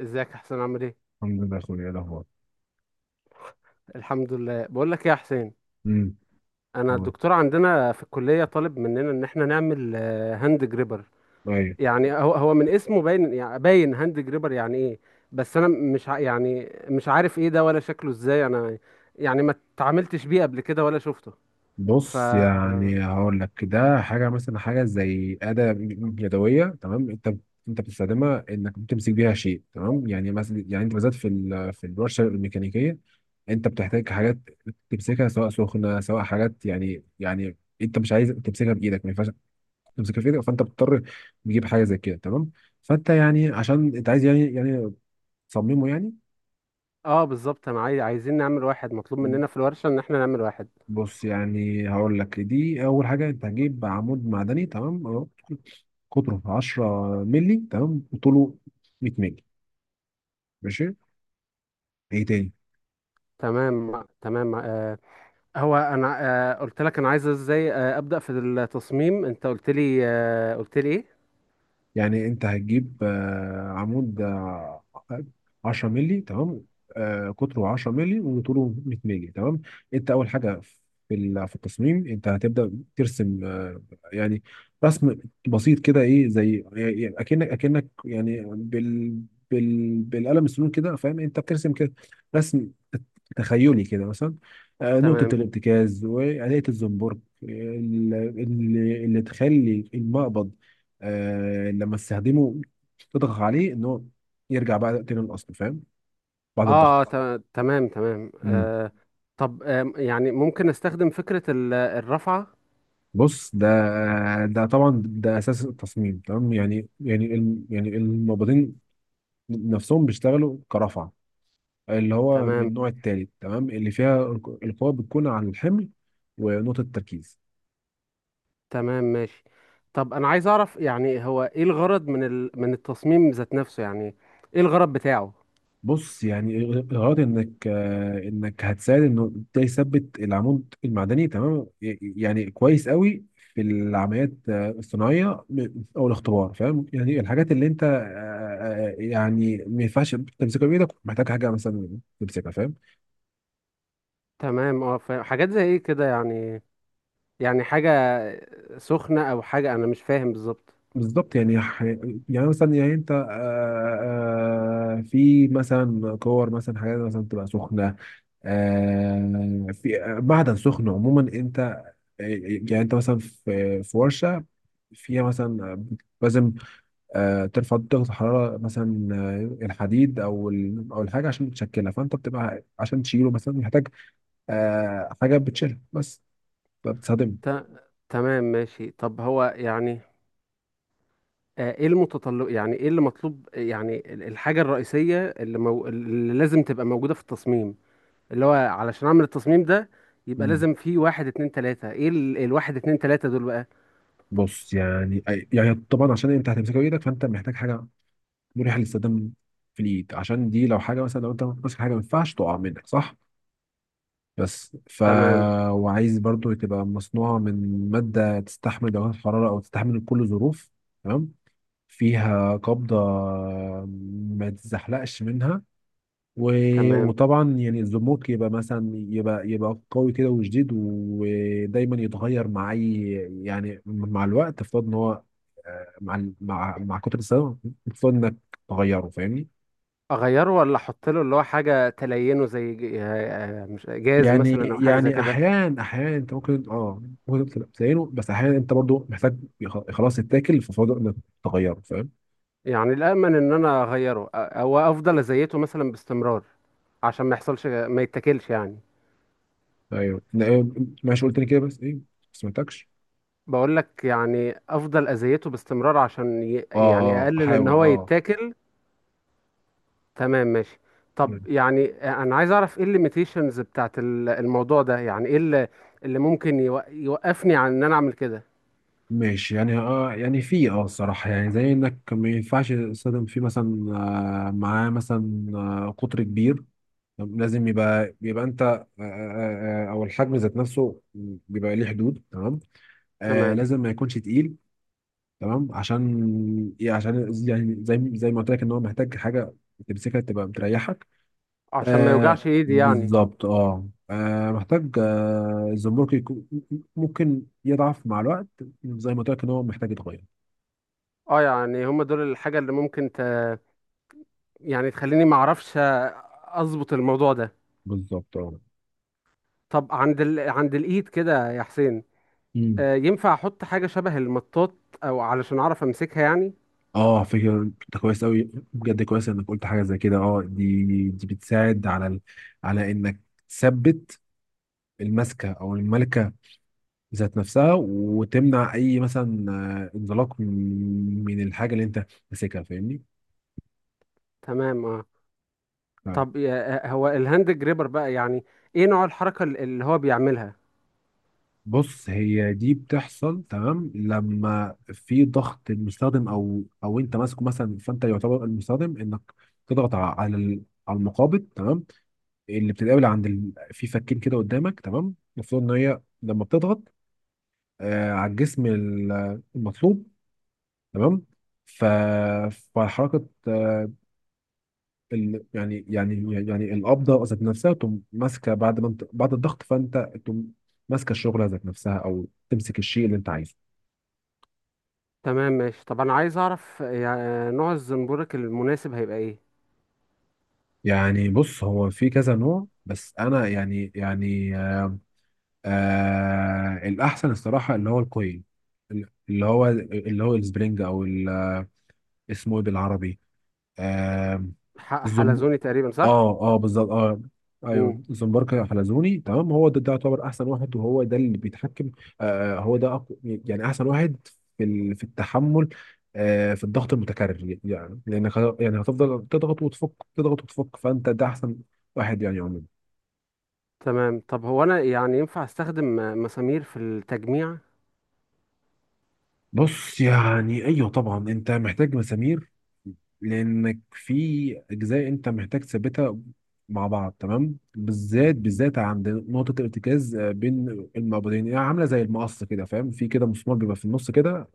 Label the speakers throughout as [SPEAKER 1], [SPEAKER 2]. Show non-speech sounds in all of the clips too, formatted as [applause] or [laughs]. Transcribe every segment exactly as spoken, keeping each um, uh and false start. [SPEAKER 1] ازيك يا حسين عامل ايه؟
[SPEAKER 2] الحمد لله يا اخويا. إيه الاخبار؟
[SPEAKER 1] الحمد لله. بقول لك ايه يا حسين؟
[SPEAKER 2] امم
[SPEAKER 1] انا الدكتور عندنا في الكليه طالب مننا ان احنا نعمل آه، هاند جريبر.
[SPEAKER 2] طيب.
[SPEAKER 1] يعني هو هو من اسمه باين، يعني باين هاند جريبر يعني ايه. بس انا. مش ع- يعني مش عارف ايه ده ولا شكله ازاي انا. يعني ما اتعاملتش بيه قبل كده ولا شفته. ف
[SPEAKER 2] بص، يعني هقول لك ده حاجه، مثلا حاجه زي اداه يدويه، تمام؟ انت انت بتستخدمها انك بتمسك بيها شيء، تمام؟ يعني مثلا، يعني انت بالذات في ال- في الورشه الميكانيكيه انت بتحتاج حاجات تمسكها، سواء سخنه سواء حاجات، يعني يعني انت مش عايز تمسكها بايدك، ما ينفعش تمسكها في ايدك، فانت بتضطر تجيب حاجه زي كده، تمام؟ فانت يعني عشان انت عايز، يعني يعني تصممه يعني.
[SPEAKER 1] اه، بالظبط. انا عاي- عايزين نعمل واحد. مطلوب مننا في الورشه ان احنا نعمل واحد.
[SPEAKER 2] بص، يعني هقول لك دي اول حاجه. انت هتجيب عمود معدني تمام، اهو قطره 10 مللي، تمام، وطوله 100 مللي، ماشي؟ ايه تاني؟
[SPEAKER 1] تمام تمام. آه، هو انا آه، قلت لك انا عايز ازاي آه، ابدا في التصميم. انت قلت لي آه، قلت لي ايه؟
[SPEAKER 2] يعني انت هتجيب آه، عمود، آه، 10 مللي تمام، آه، قطره 10 مللي وطوله 100 مللي، تمام. انت اول حاجه في ال- في التصميم انت هتبدا ترسم، آه، يعني رسم بسيط كده. ايه زي يعني اكنك اكنك يعني بال بال بالقلم السنون كده، فاهم؟ انت بترسم كده رسم تخيلي كده، مثلا آه، نقطه
[SPEAKER 1] تمام،
[SPEAKER 2] الارتكاز وآلية الزنبرك اللي, اللي تخلي المقبض آه لما تستخدمه تضغط عليه ان هو يرجع بقى تاني للاصل، فاهم؟ بعد
[SPEAKER 1] اه، آه،
[SPEAKER 2] الضغط.
[SPEAKER 1] ت- تمام تمام.
[SPEAKER 2] مم.
[SPEAKER 1] آه، طب، آه، يعني ممكن استخدم فكرة ال- الرفعة.
[SPEAKER 2] بص، ده ده طبعا ده اساس التصميم، تمام؟ يعني يعني ال- يعني المبيضين نفسهم بيشتغلوا كرفعه، اللي هو من
[SPEAKER 1] تمام
[SPEAKER 2] النوع الثالث تمام، اللي فيها القوه بتكون على الحمل ونقطه التركيز.
[SPEAKER 1] تمام، ماشي. طب انا عايز اعرف، يعني هو ايه الغرض من ال... من التصميم ذات نفسه، يعني ايه الغرض بتاعه؟
[SPEAKER 2] بص يعني، غرض انك آه، انك هتساعد انه ده يثبت العمود المعدني تمام، ي- يعني كويس قوي في العمليات آه، الصناعيه او الاختبار، فاهم؟ يعني الحاجات اللي انت، آه، آه، يعني ما ينفعش تمسكها بايدك، محتاج حاجه مثلا تمسكها، فاهم؟
[SPEAKER 1] تمام، اه، فاهم. حاجات زي ايه كده يعني؟ يعني حاجة سخنة او حاجة، انا مش فاهم بالظبط.
[SPEAKER 2] بالظبط، يعني ح- يعني مثلا يعني انت، آه، آه، في مثلا كور، مثلا حاجات مثلا تبقى سخنه، آه، في آه، معدن سخن عموما. انت يعني انت مثلا في في ورشه فيها مثلا لازم آه، ترفع درجه الحراره مثلا، آه، الحديد او ال- او الحاجه عشان تشكلها، فانت بتبقى عشان تشيله مثلا محتاج آه، حاجه بتشيلها بس، فبتستخدمها.
[SPEAKER 1] ت... تمام، ماشي. طب هو يعني، آه، ايه المتطلب؟ يعني ايه اللي مطلوب؟ يعني ال- الحاجة الرئيسية اللي, مو... اللي لازم تبقى موجودة في التصميم، اللي هو علشان اعمل التصميم ده يبقى
[SPEAKER 2] مم.
[SPEAKER 1] لازم فيه واحد اتنين تلاتة. ايه ال... الواحد اتنين تلاتة دول بقى؟
[SPEAKER 2] بص يعني، أي- يعني طبعا عشان انت هتمسكها بايدك، فانت محتاج حاجه مريحه للاستخدام في الايد، عشان دي لو حاجه مثلا، لو انت ماسك حاجه ما ينفعش تقع منك، صح؟ بس ف،
[SPEAKER 1] تمام
[SPEAKER 2] وعايز برضو تبقى مصنوعة من مادة تستحمل درجات الحرارة، أو تستحمل كل ظروف تمام، فيها قبضة ما تزحلقش منها، و...
[SPEAKER 1] تمام.
[SPEAKER 2] وطبعا يعني الزموك يبقى مثلا، يبقى يبقى قوي كده وشديد، ودايما يتغير مع أي، يعني مع الوقت افترض إن هو آه، مع ال- مع مع كتر السنة المفروض إنك تغيره، فاهمني؟
[SPEAKER 1] اغيره ولا احط له اللي هو حاجة تلينه، زي ج- آه، آه، مش جاز
[SPEAKER 2] يعني
[SPEAKER 1] مثلا او حاجة زي
[SPEAKER 2] يعني
[SPEAKER 1] كده؟
[SPEAKER 2] احيان احيان انت ممكن اه ممكن تبقى بتعينه، بس احيانا انت برضو محتاج يخ- خلاص يتاكل، ففضل انك تغيره، فاهم؟
[SPEAKER 1] يعني الامن ان انا اغيره أ- او افضل ازيته مثلا باستمرار، عشان ما يحصلش ما يتاكلش يعني.
[SPEAKER 2] ايوه. ن- إيه، ماشي، قلت لي كده بس ايه ما سمعتكش.
[SPEAKER 1] بقول لك، يعني افضل اذيته باستمرار عشان ي...
[SPEAKER 2] اه
[SPEAKER 1] يعني
[SPEAKER 2] اه
[SPEAKER 1] اقلل ان
[SPEAKER 2] احاول
[SPEAKER 1] هو
[SPEAKER 2] اه.
[SPEAKER 1] يتاكل. تمام، ماشي. طب
[SPEAKER 2] مم.
[SPEAKER 1] يعني انا عايز اعرف ايه الليميتيشنز بتاعت ال- الموضوع ده؟ يعني ايه اللي, اللي ممكن يوق... يوقفني عن ان انا اعمل كده؟
[SPEAKER 2] ماشي يعني، اه يعني في اه الصراحه، يعني زي انك ما ينفعش تصطدم فيه مثلا، آه معاه مثلا آه قطر كبير. طب لازم يبقى يبقى انت آه آه آه، آه، او الحجم ذات نفسه بيبقى ليه حدود، تمام؟ آه
[SPEAKER 1] تمام،
[SPEAKER 2] لازم ما يكونش تقيل، تمام؟ عشان ايه؟ عشان يعني زي زي ما قلت لك ان هو محتاج حاجه تمسكها تبقى بتريحك.
[SPEAKER 1] عشان ما
[SPEAKER 2] آه
[SPEAKER 1] يوجعش ايدي يعني.
[SPEAKER 2] بالظبط اه، آه، محتاج آه الزمرك يكون، ممكن يضعف مع الوقت زي ما قلت لك ان هو محتاج يتغير.
[SPEAKER 1] اه، يعني هم دول الحاجة اللي ممكن ت... يعني تخليني ما اعرفش اظبط الموضوع ده.
[SPEAKER 2] بالظبط اه.
[SPEAKER 1] طب عند ال... عند الايد كده يا حسين،
[SPEAKER 2] مم.
[SPEAKER 1] آه، ينفع احط حاجة شبه المطاط او علشان اعرف امسكها يعني؟
[SPEAKER 2] اه فكرة، انت كويس قوي بجد، كويس انك قلت حاجة زي كده. اه دي دي بتساعد على ال... على انك تثبت المسكة او الملكة ذات نفسها، وتمنع اي مثلا آه، انزلاق من من الحاجه اللي انت ماسكها، فاهمني؟
[SPEAKER 1] تمام، اه.
[SPEAKER 2] فعلا.
[SPEAKER 1] طب يا- هو الهاند جريبر بقى يعني ايه نوع الحركة ال- اللي هو بيعملها؟
[SPEAKER 2] بص هي دي بتحصل تمام لما في ضغط المستخدم، او او انت ماسكه مثلا، فانت يعتبر المستخدم انك تضغط ع- على ال- على المقابض، تمام؟ اللي بتتقابل عند ال... في فكين كده قدامك، تمام؟ المفروض ان هي لما بتضغط آه على الجسم ال- المطلوب، تمام. ف... فحركه ال... يعني يعني يعني القبضه ذات نفسها تقوم ماسكه، بعد ما انت بعد الضغط فانت تقوم ماسكه الشغله ذات نفسها، او تمسك الشيء اللي انت عايزه.
[SPEAKER 1] تمام، ماشي. طب انا عايز اعرف يعني نوع الزنبورك المناسب هيبقى ايه؟
[SPEAKER 2] يعني بص، هو في كذا نوع، بس انا يعني يعني آه آه الاحسن الصراحه اللي هو الكوين، اللي هو اللي هو السبرينج، او ال- اسمه ايه بالعربي؟ آم،
[SPEAKER 1] ح-
[SPEAKER 2] الزنب،
[SPEAKER 1] حلزوني تقريبا، صح؟
[SPEAKER 2] اه. اه بالظبط اه. ايوه
[SPEAKER 1] امم.
[SPEAKER 2] الزنبرك حلزوني تمام، هو ده, ده يعتبر احسن واحد، وهو ده اللي بيتحكم. آه آه، هو ده أقو... يعني احسن واحد في ال... في التحمل آه في الضغط المتكرر، يعني لانك ه- يعني هتفضل تضغط وتفك، تضغط وتفك، فانت ده احسن واحد يعني عموما.
[SPEAKER 1] تمام. طب هو انا يعني ينفع استخدم م- مسامير في التجميع؟
[SPEAKER 2] بص يعني، ايوه طبعا انت محتاج مسامير، لانك في اجزاء انت محتاج تثبتها مع بعض، تمام؟ بالذات بالذات عند نقطه الارتكاز آه، بين المعبدين، يعني عامله زي المقص كده فاهم، في كده مسمار بيبقى في النص كده،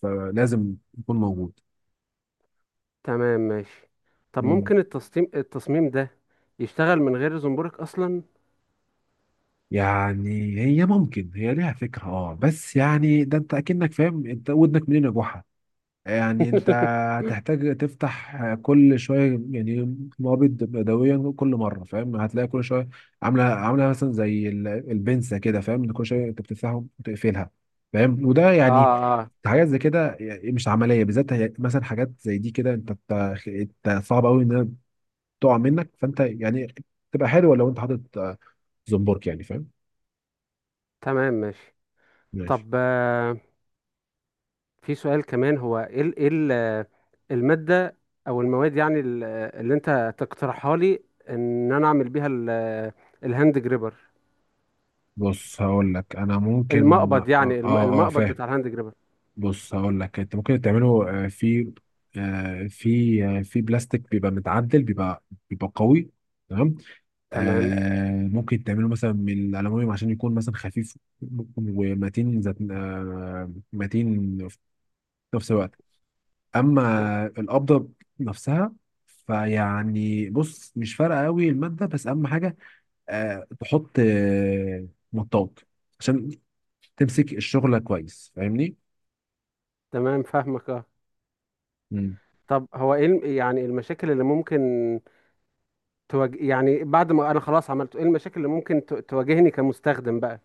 [SPEAKER 2] فلازم يكون موجود.
[SPEAKER 1] تمام، ماشي. طب
[SPEAKER 2] مم.
[SPEAKER 1] ممكن التصميم التصميم ده يشتغل من غير زنبورك اصلا؟
[SPEAKER 2] يعني هي ممكن، هي ليها فكره اه، بس يعني ده انت اكنك فاهم انت ودنك منين يا جحا. يعني انت
[SPEAKER 1] [laughs]
[SPEAKER 2] هتحتاج تفتح كل شويه يعني، نابض بدويا كل مره، فاهم؟ هتلاقي كل شويه عامله عامله مثلا زي ال- البنسه كده، فاهم؟ كل شويه انت بتفتحها وتقفلها، فاهم؟ وده
[SPEAKER 1] اه
[SPEAKER 2] يعني
[SPEAKER 1] اه.
[SPEAKER 2] حاجات زي كده يعني مش عمليه. بالذات هي- مثلا حاجات زي دي كده، انت بت- انت صعب قوي انها تقع منك، فانت يعني تبقى حلوه لو انت حاطط آه، زنبرك، يعني فاهم؟
[SPEAKER 1] تمام، ماشي.
[SPEAKER 2] ماشي.
[SPEAKER 1] طب في سؤال كمان. هو ايه ال- ايه ال- المادة او المواد، يعني ال- اللي انت تقترحها لي ان انا اعمل بيها ال- الهاند جريبر،
[SPEAKER 2] بص هقول لك، انا ممكن
[SPEAKER 1] المقبض
[SPEAKER 2] اه.
[SPEAKER 1] يعني الم-
[SPEAKER 2] اه آه،
[SPEAKER 1] المقبض
[SPEAKER 2] فاهم.
[SPEAKER 1] بتاع الهاند جريبر؟
[SPEAKER 2] بص هقول لك، انت ممكن تعمله آه، في آه، في آه، في بلاستيك، بيبقى متعدل، بيبقى بيبقى قوي، تمام.
[SPEAKER 1] تمام
[SPEAKER 2] آه، ممكن تعمله مثلا من الالومنيوم، عشان يكون مثلا خفيف ومتين، ذات آه، متين في نفس الوقت. اما القبضه نفسها، فيعني بص مش فارقه قوي الماده، بس اهم حاجه آه، تحط آه، مطاط عشان تمسك الشغله كويس، فاهمني؟
[SPEAKER 1] تمام، فاهمك اه. طب هو ايه الم- يعني المشاكل اللي ممكن تواجه يعني بعد ما انا خلاص عملته؟ ايه المشاكل اللي ممكن ت- تواجهني كمستخدم بقى؟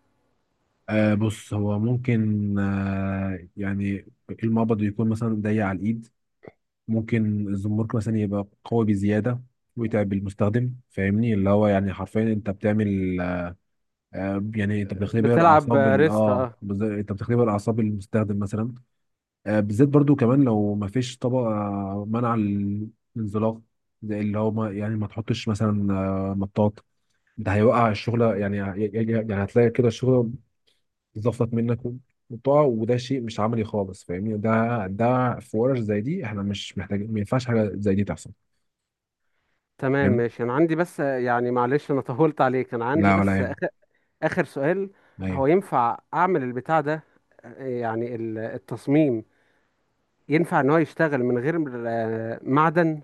[SPEAKER 2] آه بص هو ممكن آه يعني المقبض يكون مثلا ضيق على الايد، ممكن الزمرك مثلا يبقى قوي بزياده، ويتعب المستخدم، فاهمني؟ اللي هو يعني حرفيا انت بتعمل آه يعني انت بتختبر
[SPEAKER 1] بتلعب
[SPEAKER 2] اعصاب ال-،
[SPEAKER 1] ريست،
[SPEAKER 2] اه
[SPEAKER 1] اه.
[SPEAKER 2] بز- انت بتختبر اعصاب المستخدم مثلا. آه، بالذات برضو كمان لو ما فيش طبقه منع الانزلاق، زي اللي هو ما يعني ما تحطش مثلا آه مطاط، ده هيوقع الشغل. يعني يعني يعني هتلاقي كده الشغل زفت منك، قطع، وده شيء مش عملي خالص، فاهمني؟ ده ده في ورش زي دي احنا مش محتاجين، ما ينفعش حاجه زي دي تحصل.
[SPEAKER 1] تمام،
[SPEAKER 2] فاهم.
[SPEAKER 1] ماشي. انا عندي بس، آه، يعني معلش انا طولت عليك. انا عندي
[SPEAKER 2] لا ولا
[SPEAKER 1] بس
[SPEAKER 2] يهم.
[SPEAKER 1] آخر سؤال.
[SPEAKER 2] لا
[SPEAKER 1] هو
[SPEAKER 2] يهم.
[SPEAKER 1] ينفع أعمل البتاع ده، آه، يعني ال- التصميم، ينفع إن هو يشتغل من غير آه، معدن؟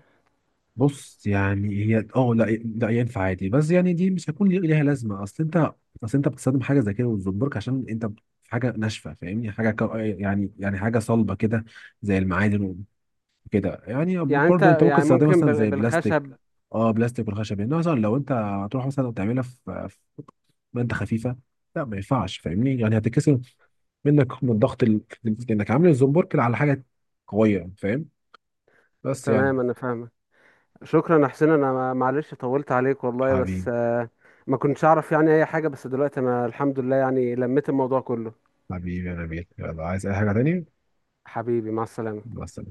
[SPEAKER 2] بص يعني، هي اه لا لا ينفع عادي، بس يعني دي مش هيكون ليه- ليها لازمه. اصل انت، اصل انت بتستخدم حاجه زي كده وتزبرك عشان انت في حاجه ناشفه، فاهمني؟ حاجه كو- يعني يعني حاجه صلبه كده زي المعادن وكده، يعني
[SPEAKER 1] يعني أنت
[SPEAKER 2] برضو انت ممكن
[SPEAKER 1] يعني
[SPEAKER 2] تستخدمها
[SPEAKER 1] ممكن
[SPEAKER 2] مثلا
[SPEAKER 1] بال-
[SPEAKER 2] زي بلاستيك.
[SPEAKER 1] بالخشب؟
[SPEAKER 2] اه بلاستيك والخشب، يعني مثلا لو انت هتروح مثلا تعملها في ماده خفيفه، لا ما ينفعش، فاهمني؟ يعني هتتكسر منك من ضغط ال... انك عامل الزنبرك على حاجه قويه، فاهم؟ بس يعني.
[SPEAKER 1] تمام، أنا فاهمة. شكرا يا حسين. أنا ما- معلش طولت عليك والله، بس
[SPEAKER 2] حبيبي.
[SPEAKER 1] آه، ما كنتش أعرف يعني أي حاجة، بس دلوقتي أنا الحمد لله يعني لميت الموضوع كله.
[SPEAKER 2] حبيبي يا نبيل، يلا عايز اي حاجه تانية؟
[SPEAKER 1] حبيبي، مع السلامة.
[SPEAKER 2] بس.